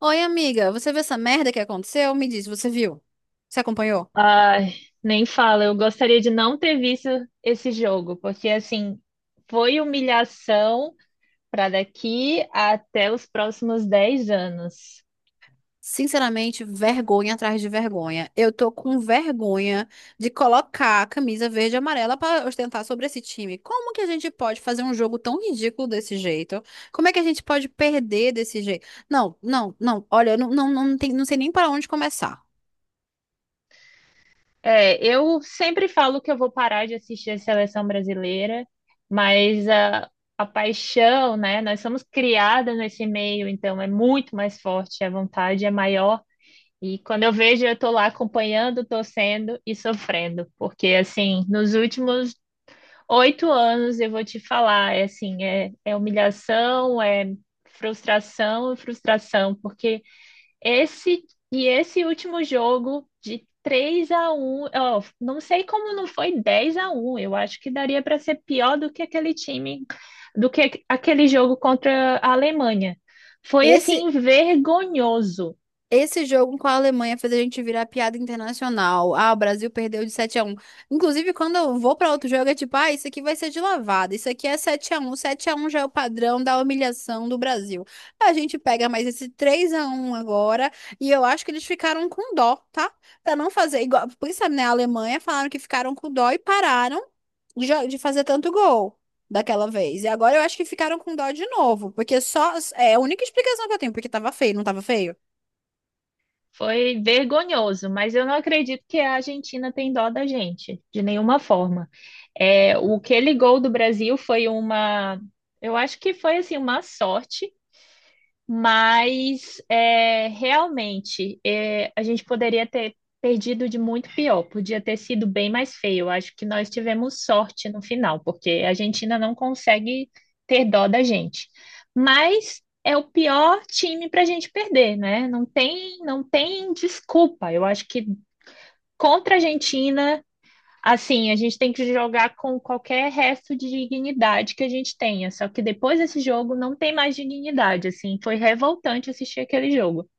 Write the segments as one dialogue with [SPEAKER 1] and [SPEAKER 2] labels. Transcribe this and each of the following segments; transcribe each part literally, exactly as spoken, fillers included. [SPEAKER 1] Oi, amiga, você viu essa merda que aconteceu? Me diz, você viu? Você acompanhou?
[SPEAKER 2] Ai, nem fala. Eu gostaria de não ter visto esse jogo, porque assim, foi humilhação para daqui até os próximos dez anos.
[SPEAKER 1] Sinceramente, vergonha atrás de vergonha. Eu tô com vergonha de colocar a camisa verde e amarela pra ostentar sobre esse time. Como que a gente pode fazer um jogo tão ridículo desse jeito? Como é que a gente pode perder desse jeito? Não, não, não. Olha, eu não, não, não, tem, não sei nem para onde começar.
[SPEAKER 2] É, eu sempre falo que eu vou parar de assistir a seleção brasileira, mas a, a paixão, né? Nós somos criadas nesse meio, então é muito mais forte, a vontade é maior. E quando eu vejo, eu tô lá acompanhando, torcendo e sofrendo, porque assim, nos últimos Oito anos, eu vou te falar, é assim, é, é humilhação, é frustração e frustração, porque esse e esse último jogo de três a um, ó, não sei como não foi dez a um, eu acho que daria para ser pior do que aquele time, do que aquele jogo contra a Alemanha. Foi
[SPEAKER 1] Esse
[SPEAKER 2] assim vergonhoso.
[SPEAKER 1] Esse jogo com a Alemanha fez a gente virar piada internacional. Ah, o Brasil perdeu de sete a um. Inclusive, quando eu vou pra outro jogo, é tipo, ah, isso aqui vai ser de lavada. Isso aqui é sete a um. Sete a um já é o padrão da humilhação do Brasil. A gente pega mais esse três a um agora e eu acho que eles ficaram com dó, tá? Pra não fazer igual, por isso, né, a Alemanha falaram que ficaram com dó e pararam de jo- de fazer tanto gol. Daquela vez. E agora eu acho que ficaram com dó de novo. Porque só. É a única explicação que eu tenho, porque tava feio, não tava feio?
[SPEAKER 2] Foi vergonhoso, mas eu não acredito que a Argentina tem dó da gente, de nenhuma forma. É, o aquele gol do Brasil foi uma, eu acho que foi assim uma sorte, mas é, realmente é, a gente poderia ter perdido de muito pior, podia ter sido bem mais feio. Acho que nós tivemos sorte no final, porque a Argentina não consegue ter dó da gente. Mas é o pior time para a gente perder, né? Não tem, não tem desculpa. Eu acho que contra a Argentina, assim, a gente tem que jogar com qualquer resto de dignidade que a gente tenha. Só que depois desse jogo não tem mais dignidade, assim. Foi revoltante assistir aquele jogo.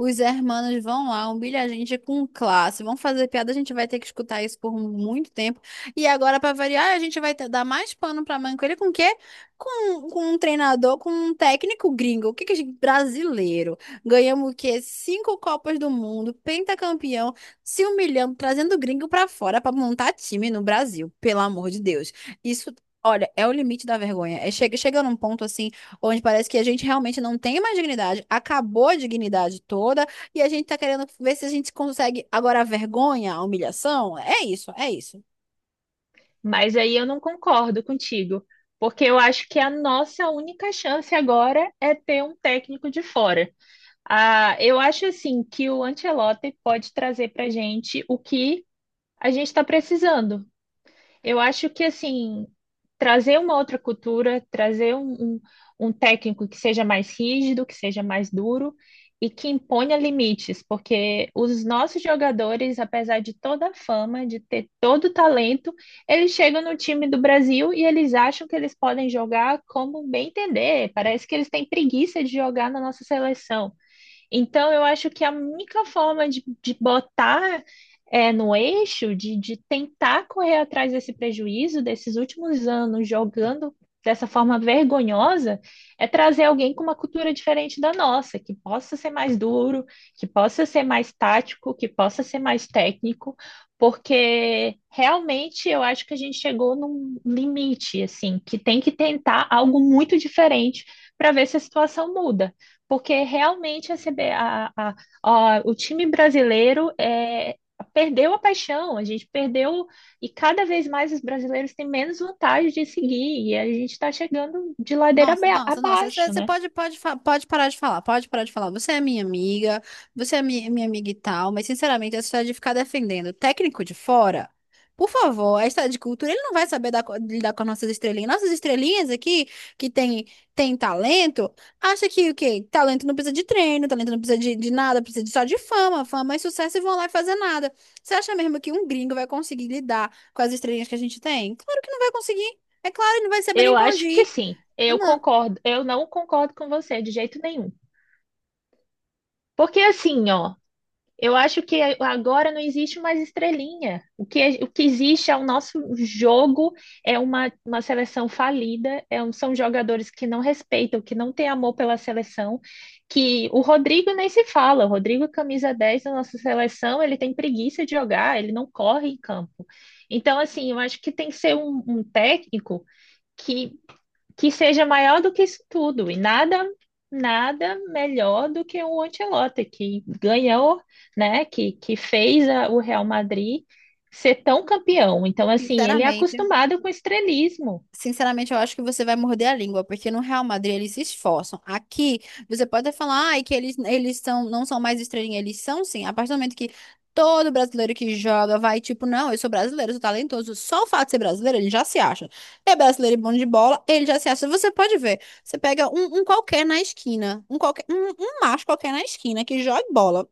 [SPEAKER 1] Os hermanos vão lá, humilha a gente com classe, vão fazer piada, a gente vai ter que escutar isso por muito tempo. E agora, para variar, a gente vai ter- dar mais pano para manco. Com o quê? Com, com um treinador, com um técnico gringo, o que que a gente- brasileiro. Ganhamos o quê? Cinco Copas do Mundo, pentacampeão, se humilhando, trazendo gringo para fora para montar time no Brasil, pelo amor de Deus. Isso, olha, é o limite da vergonha. É, chega, chega num ponto assim onde parece que a gente realmente não tem mais dignidade, acabou a dignidade toda e a gente tá querendo ver se a gente consegue agora a vergonha, a humilhação. É isso, é isso.
[SPEAKER 2] Mas aí eu não concordo contigo, porque eu acho que a nossa única chance agora é ter um técnico de fora. Ah, eu acho assim que o Ancelotti pode trazer para gente o que a gente está precisando. Eu acho que assim, trazer uma outra cultura, trazer um, um, um técnico que seja mais rígido, que seja mais duro e que imponha limites, porque os nossos jogadores, apesar de toda a fama, de ter todo o talento, eles chegam no time do Brasil e eles acham que eles podem jogar como bem entender. Parece que eles têm preguiça de jogar na nossa seleção. Então, eu acho que a única forma de, de botar é, no eixo, de, de tentar correr atrás desse prejuízo, desses últimos anos jogando dessa forma vergonhosa, é trazer alguém com uma cultura diferente da nossa, que possa ser mais duro, que possa ser mais tático, que possa ser mais técnico, porque realmente eu acho que a gente chegou num limite, assim, que tem que tentar algo muito diferente para ver se a situação muda. Porque realmente a C B a- a- a- o time brasileiro é, perdeu a paixão, a gente perdeu, e cada vez mais os brasileiros têm menos vontade de seguir, e a gente está chegando de ladeira
[SPEAKER 1] Nossa,
[SPEAKER 2] abe-
[SPEAKER 1] nossa, nossa. Você
[SPEAKER 2] abaixo,
[SPEAKER 1] você
[SPEAKER 2] né?
[SPEAKER 1] pode, pode, fa- pode parar de falar, pode parar de falar. Você é minha amiga, você é minha, minha amiga e tal, mas sinceramente, essa história de ficar defendendo o técnico de fora, por favor, a história de cultura, ele não vai saber dar co- lidar com as nossas estrelinhas. Nossas estrelinhas aqui, que tem, tem talento, acha que o quê? Talento não precisa de treino, talento não precisa de, de nada, precisa de- só de fama, fama e sucesso e vão lá e fazer nada. Você acha mesmo que um gringo vai conseguir lidar com as estrelinhas que a gente tem? Claro que não vai conseguir. É claro, ele não vai saber nem
[SPEAKER 2] Eu
[SPEAKER 1] pra onde
[SPEAKER 2] acho que
[SPEAKER 1] ir.
[SPEAKER 2] sim,
[SPEAKER 1] Ah,
[SPEAKER 2] eu
[SPEAKER 1] não.
[SPEAKER 2] concordo, eu não concordo com você de jeito nenhum. Porque assim, ó. Eu acho que agora não existe mais estrelinha. O que, é, o que existe é o nosso jogo, é uma, uma seleção falida, é um- são jogadores que não respeitam, que não têm amor pela seleção, que o Rodrigo nem se fala. O Rodrigo, camisa dez da nossa seleção, ele tem preguiça de jogar, ele não corre em campo. Então, assim, eu acho que tem que ser um, um técnico que que seja maior do que isso tudo. E nada, nada melhor do que o Ancelotti, que ganhou, né? Que, que fez a- o Real Madrid ser tão campeão. Então, assim, ele é
[SPEAKER 1] Sinceramente,
[SPEAKER 2] acostumado com estrelismo.
[SPEAKER 1] sinceramente, eu acho que você vai morder a língua, porque no Real Madrid eles se esforçam. Aqui, você pode até falar, ai, que eles, eles são, não são mais estrelinha, eles são sim. A partir do momento que todo brasileiro que joga vai, tipo, não, eu sou brasileiro, eu sou talentoso. Só o fato de ser brasileiro, ele já se acha. É brasileiro e bom de bola, ele já se acha. Você pode ver, você pega um, um qualquer na esquina, um qualquer, um, um macho qualquer na esquina que joga bola.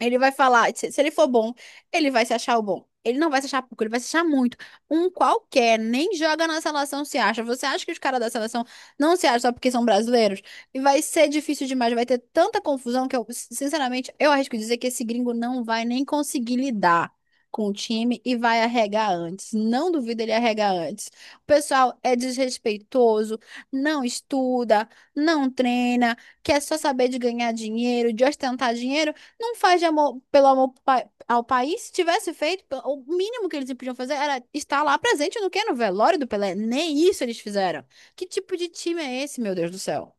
[SPEAKER 1] Ele vai falar, se se ele for bom, ele vai se achar o bom. Ele não vai se achar pouco, ele vai se achar muito. Um qualquer, nem joga na seleção, se acha. Você acha que os caras da seleção não se acham só porque são brasileiros? E vai ser difícil demais, vai ter tanta confusão que eu, sinceramente, eu arrisco dizer que esse gringo não vai nem conseguir lidar com o time e vai arregar antes. Não duvido ele arregar antes. O pessoal é desrespeitoso, não estuda, não treina, quer só saber de ganhar dinheiro, de ostentar dinheiro. Não faz de amor, pelo amor pa- ao país. Se tivesse feito, pe- o mínimo que eles podiam fazer era estar lá presente no quê? No velório do Pelé. Nem isso eles fizeram. Que tipo de time é esse, meu Deus do céu?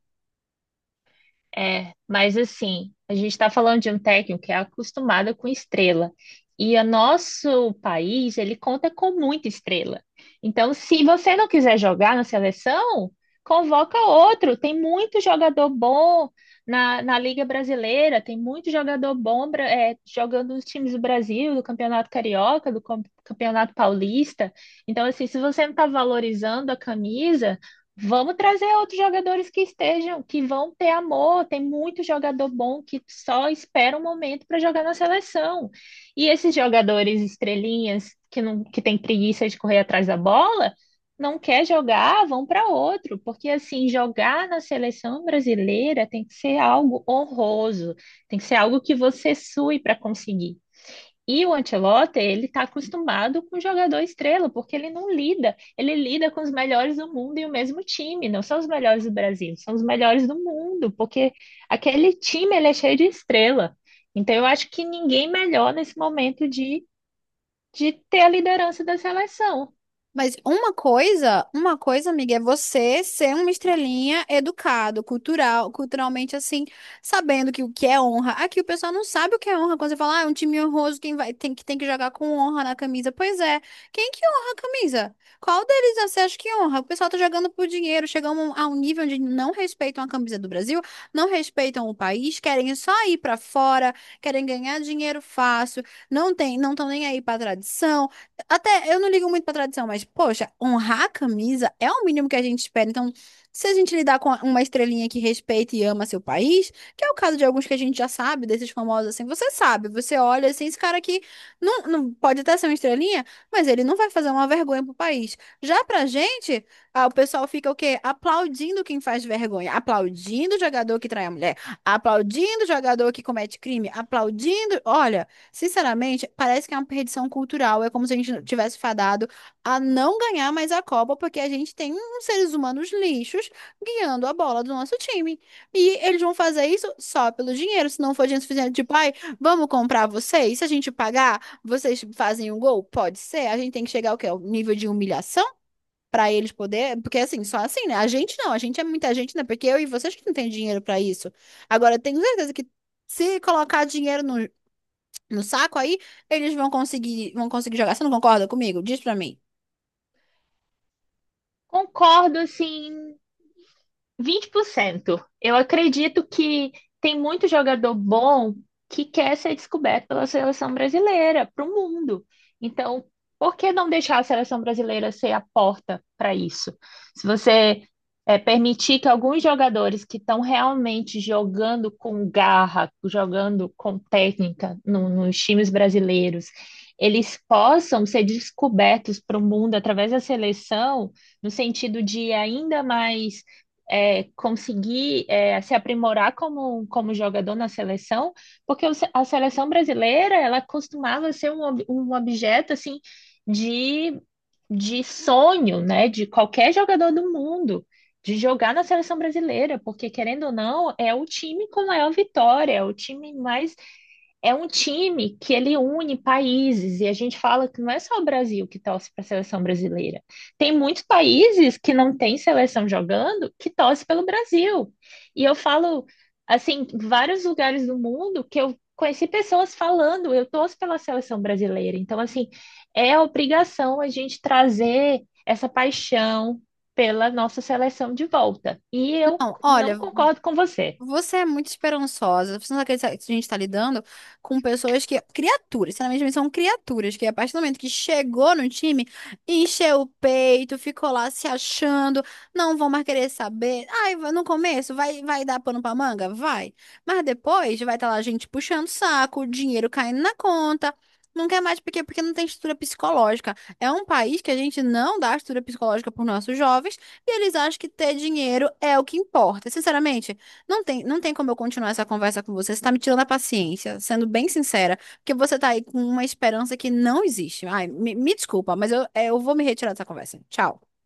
[SPEAKER 2] É, mas assim, a gente está falando de um técnico que é acostumado com estrela. E o nosso país, ele conta com muita estrela. Então, se você não quiser jogar na seleção, convoca outro. Tem muito jogador bom na, na Liga Brasileira, tem muito jogador bom bra- é, jogando nos times do Brasil, do Campeonato Carioca, do Com- Campeonato Paulista. Então, assim, se você não está valorizando a camisa. Vamos trazer outros jogadores que estejam, que vão ter amor. Tem muito jogador bom que só espera um momento para jogar na seleção. E esses jogadores estrelinhas que não, que tem preguiça de correr atrás da bola, não quer jogar, vão para outro, porque assim, jogar na seleção brasileira tem que ser algo honroso, tem que ser algo que você sue para conseguir. E o Ancelotti, ele está acostumado com o jogador estrela, porque ele não lida, ele lida com os melhores do mundo e o mesmo time, não são os melhores do Brasil, são os melhores do mundo, porque aquele time ele é cheio de estrela. Então eu acho que ninguém melhor nesse momento de, de ter a liderança da seleção.
[SPEAKER 1] Mas uma coisa, uma coisa, amiga, é você ser uma estrelinha educado, cultural, culturalmente assim, sabendo que o que é honra. Aqui o pessoal não sabe o que é honra quando você fala, ah, é um time honroso, quem vai, tem que tem que jogar com honra na camisa. Pois é, quem que honra a camisa? Qual deles você acha que honra? O pessoal tá jogando por dinheiro, chegamos a um nível onde não respeitam a camisa do Brasil, não respeitam o país, querem só ir pra fora, querem ganhar dinheiro fácil, não tem, não estão nem aí pra tradição até eu não ligo muito pra tradição, mas, poxa, honrar a camisa é o mínimo que a gente espera. Então, se a gente lidar com uma estrelinha que respeita e ama seu país, que é o caso de alguns que a gente já sabe, desses famosos assim, você sabe, você olha assim, esse cara aqui não, não pode até ser uma estrelinha, mas ele não vai fazer uma vergonha pro país. Já pra gente, ah, o pessoal fica o quê? Aplaudindo quem faz vergonha, aplaudindo o jogador que trai a mulher, aplaudindo o jogador que comete crime, aplaudindo. Olha. Sinceramente, parece que é uma perdição cultural. É como se a gente tivesse fadado a não ganhar mais a Copa, porque a gente tem uns seres humanos lixos guiando a bola do nosso time. E eles vão fazer isso só pelo dinheiro. Se não for dinheiro suficiente, tipo, ai, vamos comprar vocês? Se a gente pagar, vocês fazem um gol? Pode ser. A gente tem que chegar ao quê? Ao nível de humilhação? Pra eles poder, porque assim, só assim, né? A gente não, a gente é muita gente, né? Porque eu e vocês que não tem dinheiro pra isso. Agora, eu tenho certeza que se colocar dinheiro no, no saco, aí eles vão conseguir, vão conseguir jogar. Você não concorda comigo? Diz pra mim.
[SPEAKER 2] Concordo, assim, vinte por cento. Eu acredito que tem muito jogador bom que quer ser descoberto pela seleção brasileira, para o mundo. Então, por que não deixar a seleção brasileira ser a porta para isso? Se você é, permitir que alguns jogadores que estão realmente jogando com garra, jogando com técnica no- nos times brasileiros, eles possam ser descobertos para o mundo através da seleção, no sentido de ainda mais é, conseguir é, se aprimorar como, como jogador na seleção, porque o se- a seleção brasileira ela costumava ser um, ob- um objeto assim de, de sonho, né, de qualquer jogador do mundo. De jogar na seleção brasileira, porque querendo ou não, é o time com maior vitória, é o time mais é um time que ele une países, e a gente fala que não é só o Brasil que torce para a seleção brasileira. Tem muitos países que não têm seleção jogando que torce pelo Brasil. E eu falo, assim, em vários lugares do mundo que eu conheci pessoas falando, eu torço pela seleção brasileira. Então, assim, é a obrigação a gente trazer essa paixão pela nossa seleção de volta. E eu
[SPEAKER 1] Não,
[SPEAKER 2] não
[SPEAKER 1] olha,
[SPEAKER 2] concordo com você.
[SPEAKER 1] você é muito esperançosa. Você não acredita que a gente está lidando com pessoas que. Criaturas, sinceramente, são criaturas que, a partir do momento que chegou no time, encheu o peito, ficou lá se achando, não vão mais querer saber. Ai, vai- no começo vai, vai dar pano pra manga? Vai. Mas depois vai estar lá a gente puxando o saco, o dinheiro caindo na conta. Não quer mais porque, porque não tem estrutura psicológica. É um país que a gente não dá estrutura psicológica para os nossos jovens e eles acham que ter dinheiro é o que importa. Sinceramente. Não tem, não tem como eu continuar essa conversa com você. Você tá me tirando a paciência, sendo bem sincera, porque você tá aí com uma esperança que não existe. Ai, me, me desculpa, mas eu, é, eu vou me retirar dessa conversa. Tchau.